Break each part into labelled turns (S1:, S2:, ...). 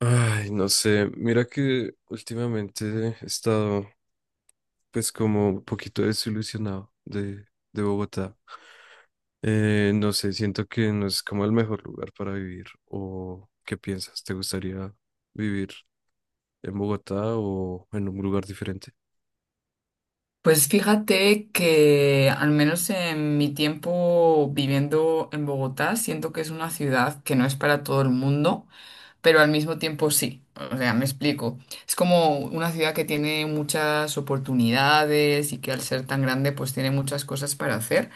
S1: Ay, no sé, mira que últimamente he estado, pues, como un poquito desilusionado de Bogotá. No sé, siento que no es como el mejor lugar para vivir. O ¿qué piensas? ¿Te gustaría vivir en Bogotá o en un lugar diferente?
S2: Pues fíjate que al menos en mi tiempo viviendo en Bogotá, siento que es una ciudad que no es para todo el mundo, pero al mismo tiempo sí. O sea, me explico. Es como una ciudad que tiene muchas oportunidades y que al ser tan grande pues tiene muchas cosas para hacer,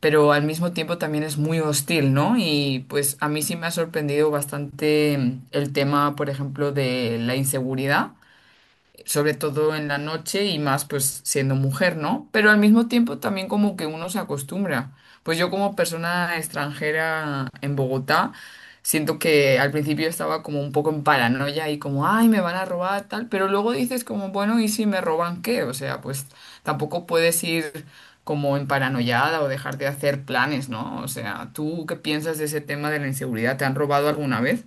S2: pero al mismo tiempo también es muy hostil, ¿no? Y pues a mí sí me ha sorprendido bastante el tema, por ejemplo, de la inseguridad sobre todo en la noche y más pues siendo mujer, ¿no? Pero al mismo tiempo también como que uno se acostumbra. Pues yo como persona extranjera en Bogotá, siento que al principio estaba como un poco en paranoia y como, ay, me van a robar tal, pero luego dices como, bueno, ¿y si me roban qué? O sea, pues tampoco puedes ir como en paranoiada o dejar de hacer planes, ¿no? O sea, ¿tú qué piensas de ese tema de la inseguridad? ¿Te han robado alguna vez?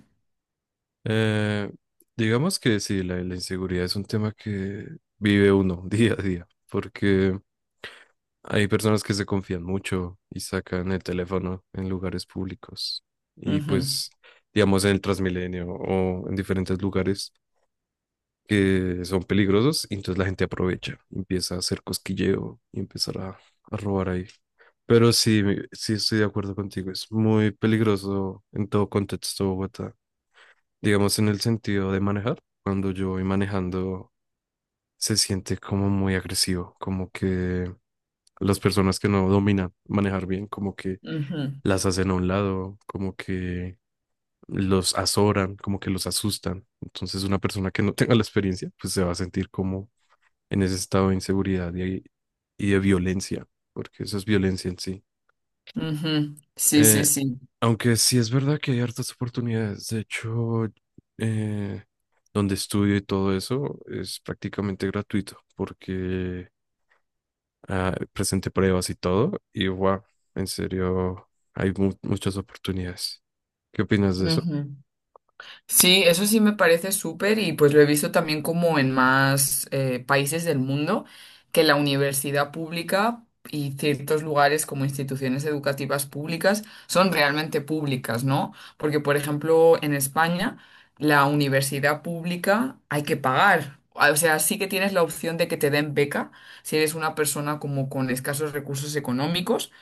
S1: Eh, digamos que sí, la inseguridad es un tema que vive uno día a día porque hay personas que se confían mucho y sacan el teléfono en lugares públicos y,
S2: Ujú,
S1: pues, digamos, en el Transmilenio o en diferentes lugares que son peligrosos, y entonces la gente aprovecha, empieza a hacer cosquilleo y empezar a robar ahí. Pero sí, sí estoy de acuerdo contigo, es muy peligroso en todo contexto Bogotá, digamos, en el sentido de manejar. Cuando yo voy manejando se siente como muy agresivo, como que las personas que no dominan manejar bien, como que
S2: ujú,
S1: las hacen a un lado, como que los azoran, como que los asustan. Entonces una persona que no tenga la experiencia, pues se va a sentir como en ese estado de inseguridad y y de violencia, porque eso es violencia en sí.
S2: ujú. Sí, sí,
S1: Eh,
S2: sí.
S1: Aunque sí es verdad que hay hartas oportunidades, de hecho, eh, donde estudio y todo eso es prácticamente gratuito, porque, ah, presenté pruebas y todo, y wow, en serio, hay muchas oportunidades. ¿Qué opinas de eso?
S2: Ujú. Sí, eso sí me parece súper y pues lo he visto también como en más países del mundo, que la universidad pública y ciertos lugares como instituciones educativas públicas son realmente públicas, ¿no? Porque, por ejemplo, en España, la universidad pública hay que pagar. Ah, o sea, sí que tienes la opción de que te den beca si eres una persona como con escasos recursos económicos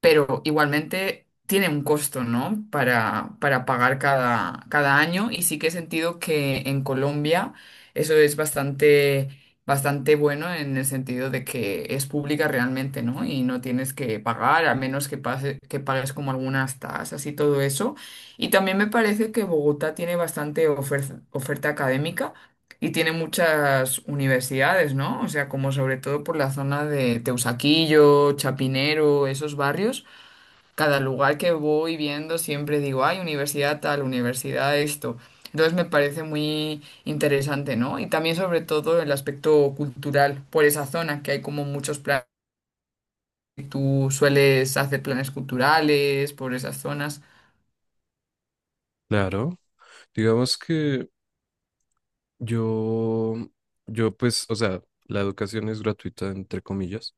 S2: pero igualmente tiene un costo, ¿no? Para pagar cada año y sí que he sentido que en Colombia eso es bastante, bastante bueno en el sentido de que es pública realmente, ¿no? Y no tienes que pagar, a menos que, pase, que pagues como algunas tasas y todo eso. Y también me parece que Bogotá tiene bastante oferta académica y tiene muchas universidades, ¿no? O sea, como sobre todo por la zona de Teusaquillo, Chapinero, esos barrios cada lugar que voy viendo siempre digo, ay, universidad tal, universidad esto. Entonces me parece muy interesante, ¿no? Y también sobre todo el aspecto cultural por esa zona, que hay como muchos planes, tú sueles hacer planes culturales por esas zonas.
S1: Claro, digamos que yo, yo, pues, o sea, la educación es gratuita, entre comillas,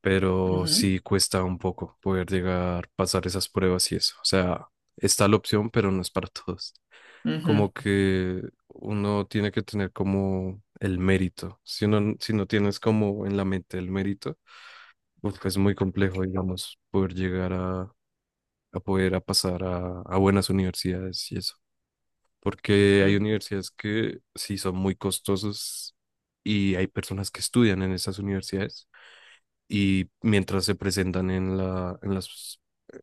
S1: pero
S2: Ujú,
S1: sí cuesta un poco poder llegar, pasar esas pruebas y eso. O sea, está la opción, pero no es para todos.
S2: ujú,
S1: Como que uno tiene que tener como el mérito. Si uno, si no tienes como en la mente el mérito, pues, es muy complejo, digamos, poder llegar a poder a pasar a buenas universidades y eso. Porque hay
S2: mm,
S1: universidades que sí son muy costosas y hay personas que estudian en esas universidades y mientras se presentan en en las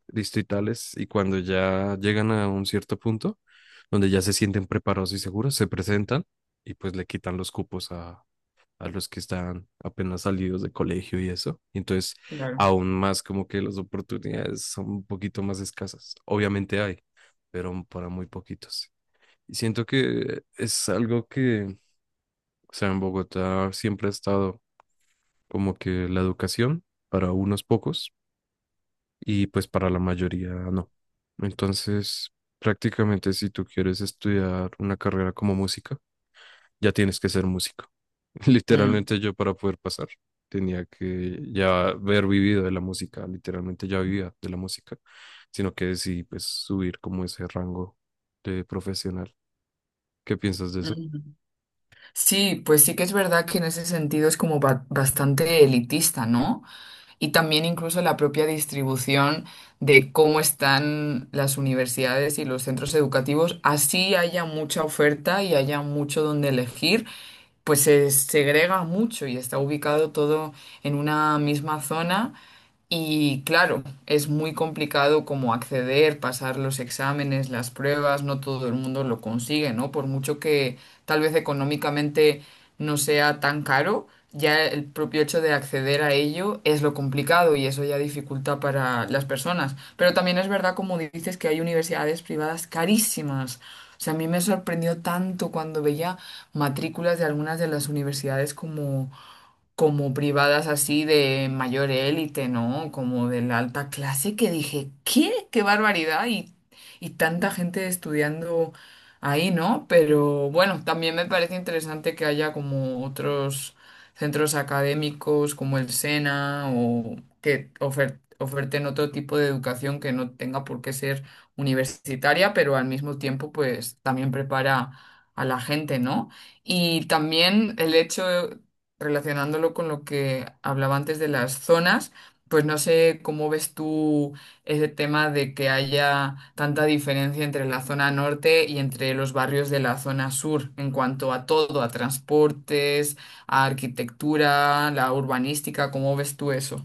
S1: distritales, y cuando ya llegan a un cierto punto donde ya se sienten preparados y seguros, se presentan y pues le quitan los cupos a los que están apenas salidos de colegio y eso. Y entonces,
S2: claro.
S1: aún más, como que las oportunidades son un poquito más escasas. Obviamente hay, pero para muy poquitos. Y siento que es algo que, o sea, en Bogotá siempre ha estado como que la educación para unos pocos y, pues, para la mayoría no. Entonces, prácticamente, si tú quieres estudiar una carrera como música, ya tienes que ser músico.
S2: mm,
S1: Literalmente, yo, para poder pasar, tenía que ya haber vivido de la música, literalmente ya vivía de la música, sino que decidí, pues, subir como ese rango de profesional. ¿Qué piensas de eso?
S2: ujú. Sí, pues sí que es verdad que en ese sentido es como bastante elitista, ¿no? Y también incluso la propia distribución de cómo están las universidades y los centros educativos. Así haya mucha oferta y haya mucho donde elegir, pues se segrega mucho y está ubicado todo en una misma zona. Y claro, es muy complicado como acceder, pasar los exámenes, las pruebas, no todo el mundo lo consigue, ¿no? Por mucho que tal vez económicamente no sea tan caro, ya el propio hecho de acceder a ello es lo complicado y eso ya dificulta para las personas. Pero también es verdad, como dices, que hay universidades privadas carísimas. O sea, a mí me sorprendió tanto cuando veía matrículas de algunas de las universidades como privadas así de mayor élite, ¿no? Como de la alta clase, que dije, ¿qué? ¡Qué barbaridad! Y tanta gente estudiando ahí, ¿no? Pero bueno, también me parece interesante que haya como otros centros académicos como el SENA o que oferten otro tipo de educación que no tenga por qué ser universitaria, pero al mismo tiempo pues también prepara a la gente, ¿no? Y también el hecho relacionándolo con lo que hablaba antes de las zonas, pues no sé cómo ves tú ese tema de que haya tanta diferencia entre la zona norte y entre los barrios de la zona sur en cuanto a todo, a transportes, a arquitectura, la urbanística, ¿cómo ves tú eso?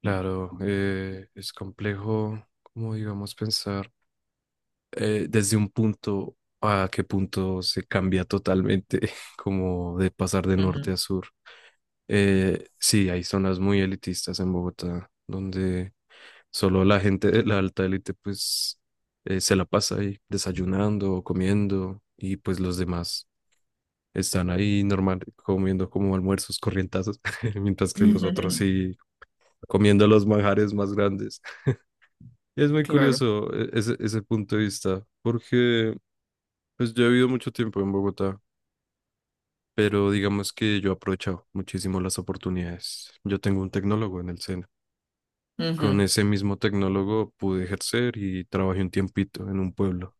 S1: Claro, es complejo, como, digamos, pensar. Desde un punto a qué punto se cambia totalmente, como de pasar de norte
S2: Ujú.
S1: a sur. Sí, hay zonas muy elitistas en Bogotá, donde solo la gente de la alta élite, pues, se la pasa ahí desayunando o comiendo, y pues los demás están ahí normal comiendo como almuerzos corrientazos, mientras que los otros sí comiendo los manjares más grandes. Es muy
S2: Claro.
S1: curioso, ese punto de vista, porque pues yo he vivido mucho tiempo en Bogotá, pero digamos que yo he aprovechado muchísimo las oportunidades. Yo tengo un tecnólogo en el SENA. Con
S2: Ujú,
S1: ese mismo tecnólogo pude ejercer y trabajé un tiempito en un pueblo.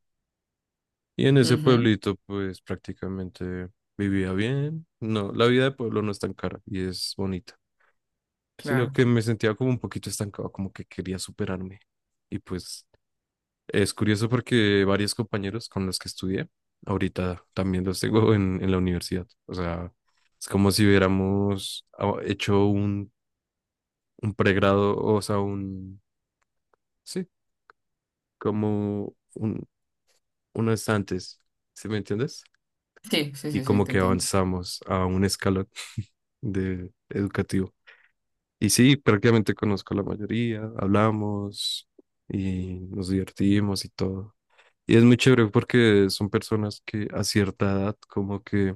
S1: Y en ese
S2: ujú,
S1: pueblito, pues, prácticamente vivía bien. No, la vida de pueblo no es tan cara y es bonita, sino
S2: claro.
S1: que me sentía como un poquito estancado, como que quería superarme. Y pues es curioso porque varios compañeros con los que estudié, ahorita también los tengo en la universidad. O sea, es como si hubiéramos, ah, hecho un pregrado, o sea, sí, como unos antes, ¿sí me entiendes?
S2: Sí, sí,
S1: Y
S2: sí, sí,
S1: como
S2: te
S1: que
S2: entiendo.
S1: avanzamos a un escalón de educativo. Y sí, prácticamente conozco a la mayoría, hablamos y nos divertimos y todo. Y es muy chévere porque son personas que a cierta edad, como que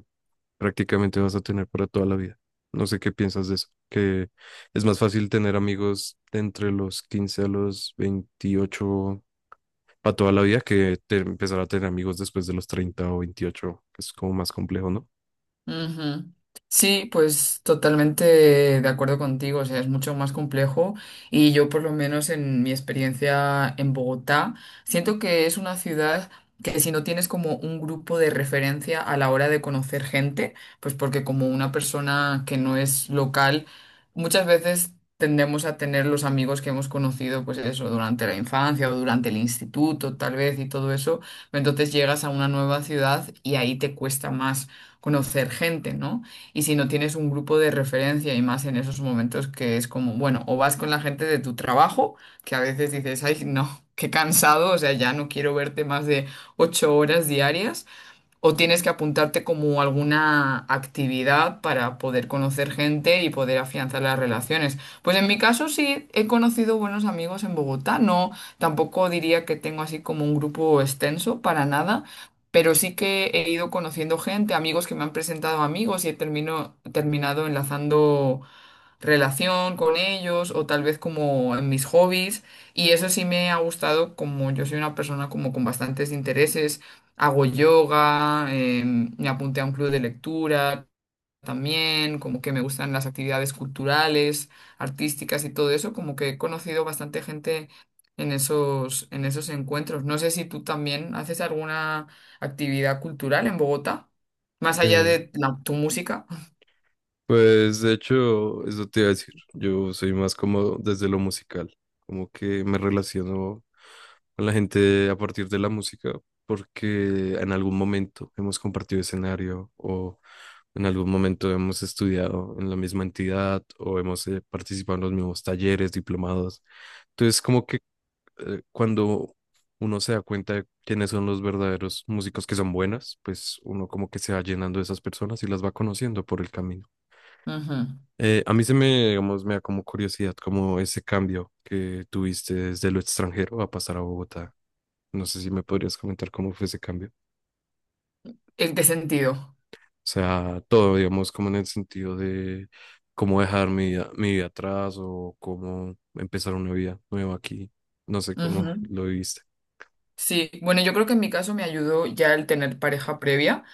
S1: prácticamente vas a tener para toda la vida. No sé qué piensas de eso, que es más fácil tener amigos de entre los 15 a los 28 para toda la vida que empezar a tener amigos después de los 30 o 28, que es como más complejo, ¿no?
S2: Ujú. Sí, pues totalmente de acuerdo contigo, o sea, es mucho más complejo y yo por lo menos en mi experiencia en Bogotá, siento que es una ciudad que si no tienes como un grupo de referencia a la hora de conocer gente, pues porque como una persona que no es local, muchas veces tendemos a tener los amigos que hemos conocido, pues eso, durante la infancia o durante el instituto, tal vez, y todo eso, entonces llegas a una nueva ciudad y ahí te cuesta más conocer gente, ¿no? Y si no tienes un grupo de referencia y más en esos momentos que es como, bueno, o vas con la gente de tu trabajo, que a veces dices, ay, no, qué cansado, o sea, ya no quiero verte más de 8 horas diarias. O tienes que apuntarte como alguna actividad para poder conocer gente y poder afianzar las relaciones. Pues en mi caso sí he conocido buenos amigos en Bogotá. No, tampoco diría que tengo así como un grupo extenso para nada, pero sí que he ido conociendo gente, amigos que me han presentado amigos y he terminado enlazando relación con ellos o tal vez como en mis hobbies y eso sí me ha gustado como yo soy una persona como con bastantes intereses, hago yoga, me apunté a un club de lectura también, como que me gustan las actividades culturales, artísticas y todo eso, como que he conocido bastante gente en esos encuentros. No sé si tú también haces alguna actividad cultural en Bogotá, más allá
S1: Eh,
S2: de tu música.
S1: Pues de hecho, eso te iba a decir. Yo soy más como desde lo musical, como que me relaciono con la gente a partir de la música, porque en algún momento hemos compartido escenario o en algún momento hemos estudiado en la misma entidad o hemos, participado en los mismos talleres, diplomados. Entonces, como que, cuando uno se da cuenta de quiénes son los verdaderos músicos que son buenas, pues uno como que se va llenando de esas personas y las va conociendo por el camino.
S2: Ujú.
S1: A mí se me, digamos, me da como curiosidad como ese cambio que tuviste desde lo extranjero a pasar a Bogotá. No sé si me podrías comentar cómo fue ese cambio.
S2: ¿En qué sentido?
S1: O sea, todo, digamos, como en el sentido de cómo dejar mi vida atrás o cómo empezar una vida nueva aquí. No sé cómo lo viviste.
S2: Sí, bueno, yo creo que en mi caso me ayudó ya el tener pareja previa,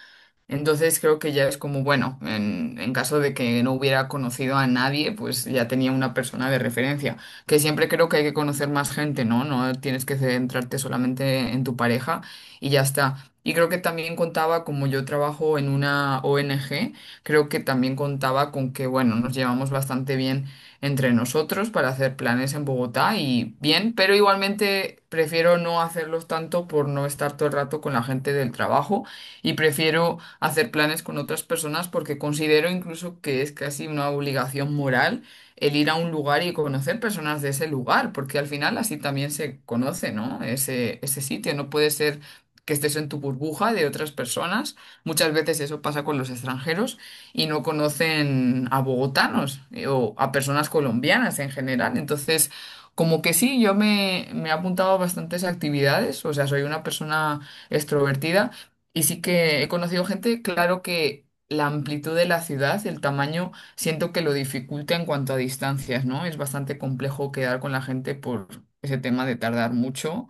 S2: entonces creo que ya es como, bueno, en caso de que no hubiera conocido a nadie, pues ya tenía una persona de referencia. Que siempre creo que hay que conocer más gente, ¿no? No tienes que centrarte solamente en tu pareja y ya está. Y creo que también contaba, como yo trabajo en una ONG, creo que también contaba con que, bueno, nos llevamos bastante bien entre nosotros para hacer planes en Bogotá y bien, pero igualmente prefiero no hacerlos tanto por no estar todo el rato con la gente del trabajo y prefiero hacer planes con otras personas porque considero incluso que es casi una obligación moral el ir a un lugar y conocer personas de ese lugar, porque al final así también se conoce, ¿no? Ese sitio, no puede ser que estés en tu burbuja de otras personas. Muchas veces eso pasa con los extranjeros y no conocen a bogotanos o a personas colombianas en general. Entonces, como que sí, yo me he apuntado a bastantes actividades, o sea, soy una persona extrovertida y sí que he conocido gente, claro que la amplitud de la ciudad, el tamaño, siento que lo dificulta en cuanto a distancias, ¿no? Es bastante complejo quedar con la gente por ese tema de tardar mucho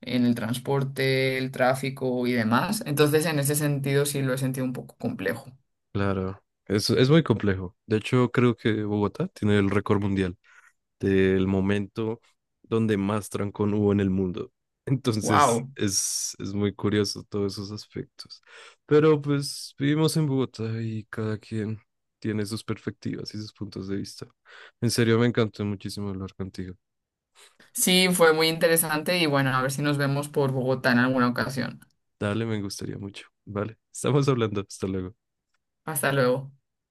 S2: en el transporte, el tráfico y demás. Entonces, en ese sentido, sí lo he sentido un poco complejo.
S1: Claro, es muy complejo. De hecho, creo que Bogotá tiene el récord mundial del momento donde más trancón hubo en el mundo. Entonces
S2: ¡Wow!
S1: es muy curioso todos esos aspectos. Pero pues vivimos en Bogotá y cada quien tiene sus perspectivas y sus puntos de vista. En serio, me encantó muchísimo hablar contigo.
S2: Sí, fue muy interesante y bueno, a ver si nos vemos por Bogotá en alguna ocasión.
S1: Dale, me gustaría mucho. Vale, estamos hablando. Hasta luego.
S2: Hasta luego.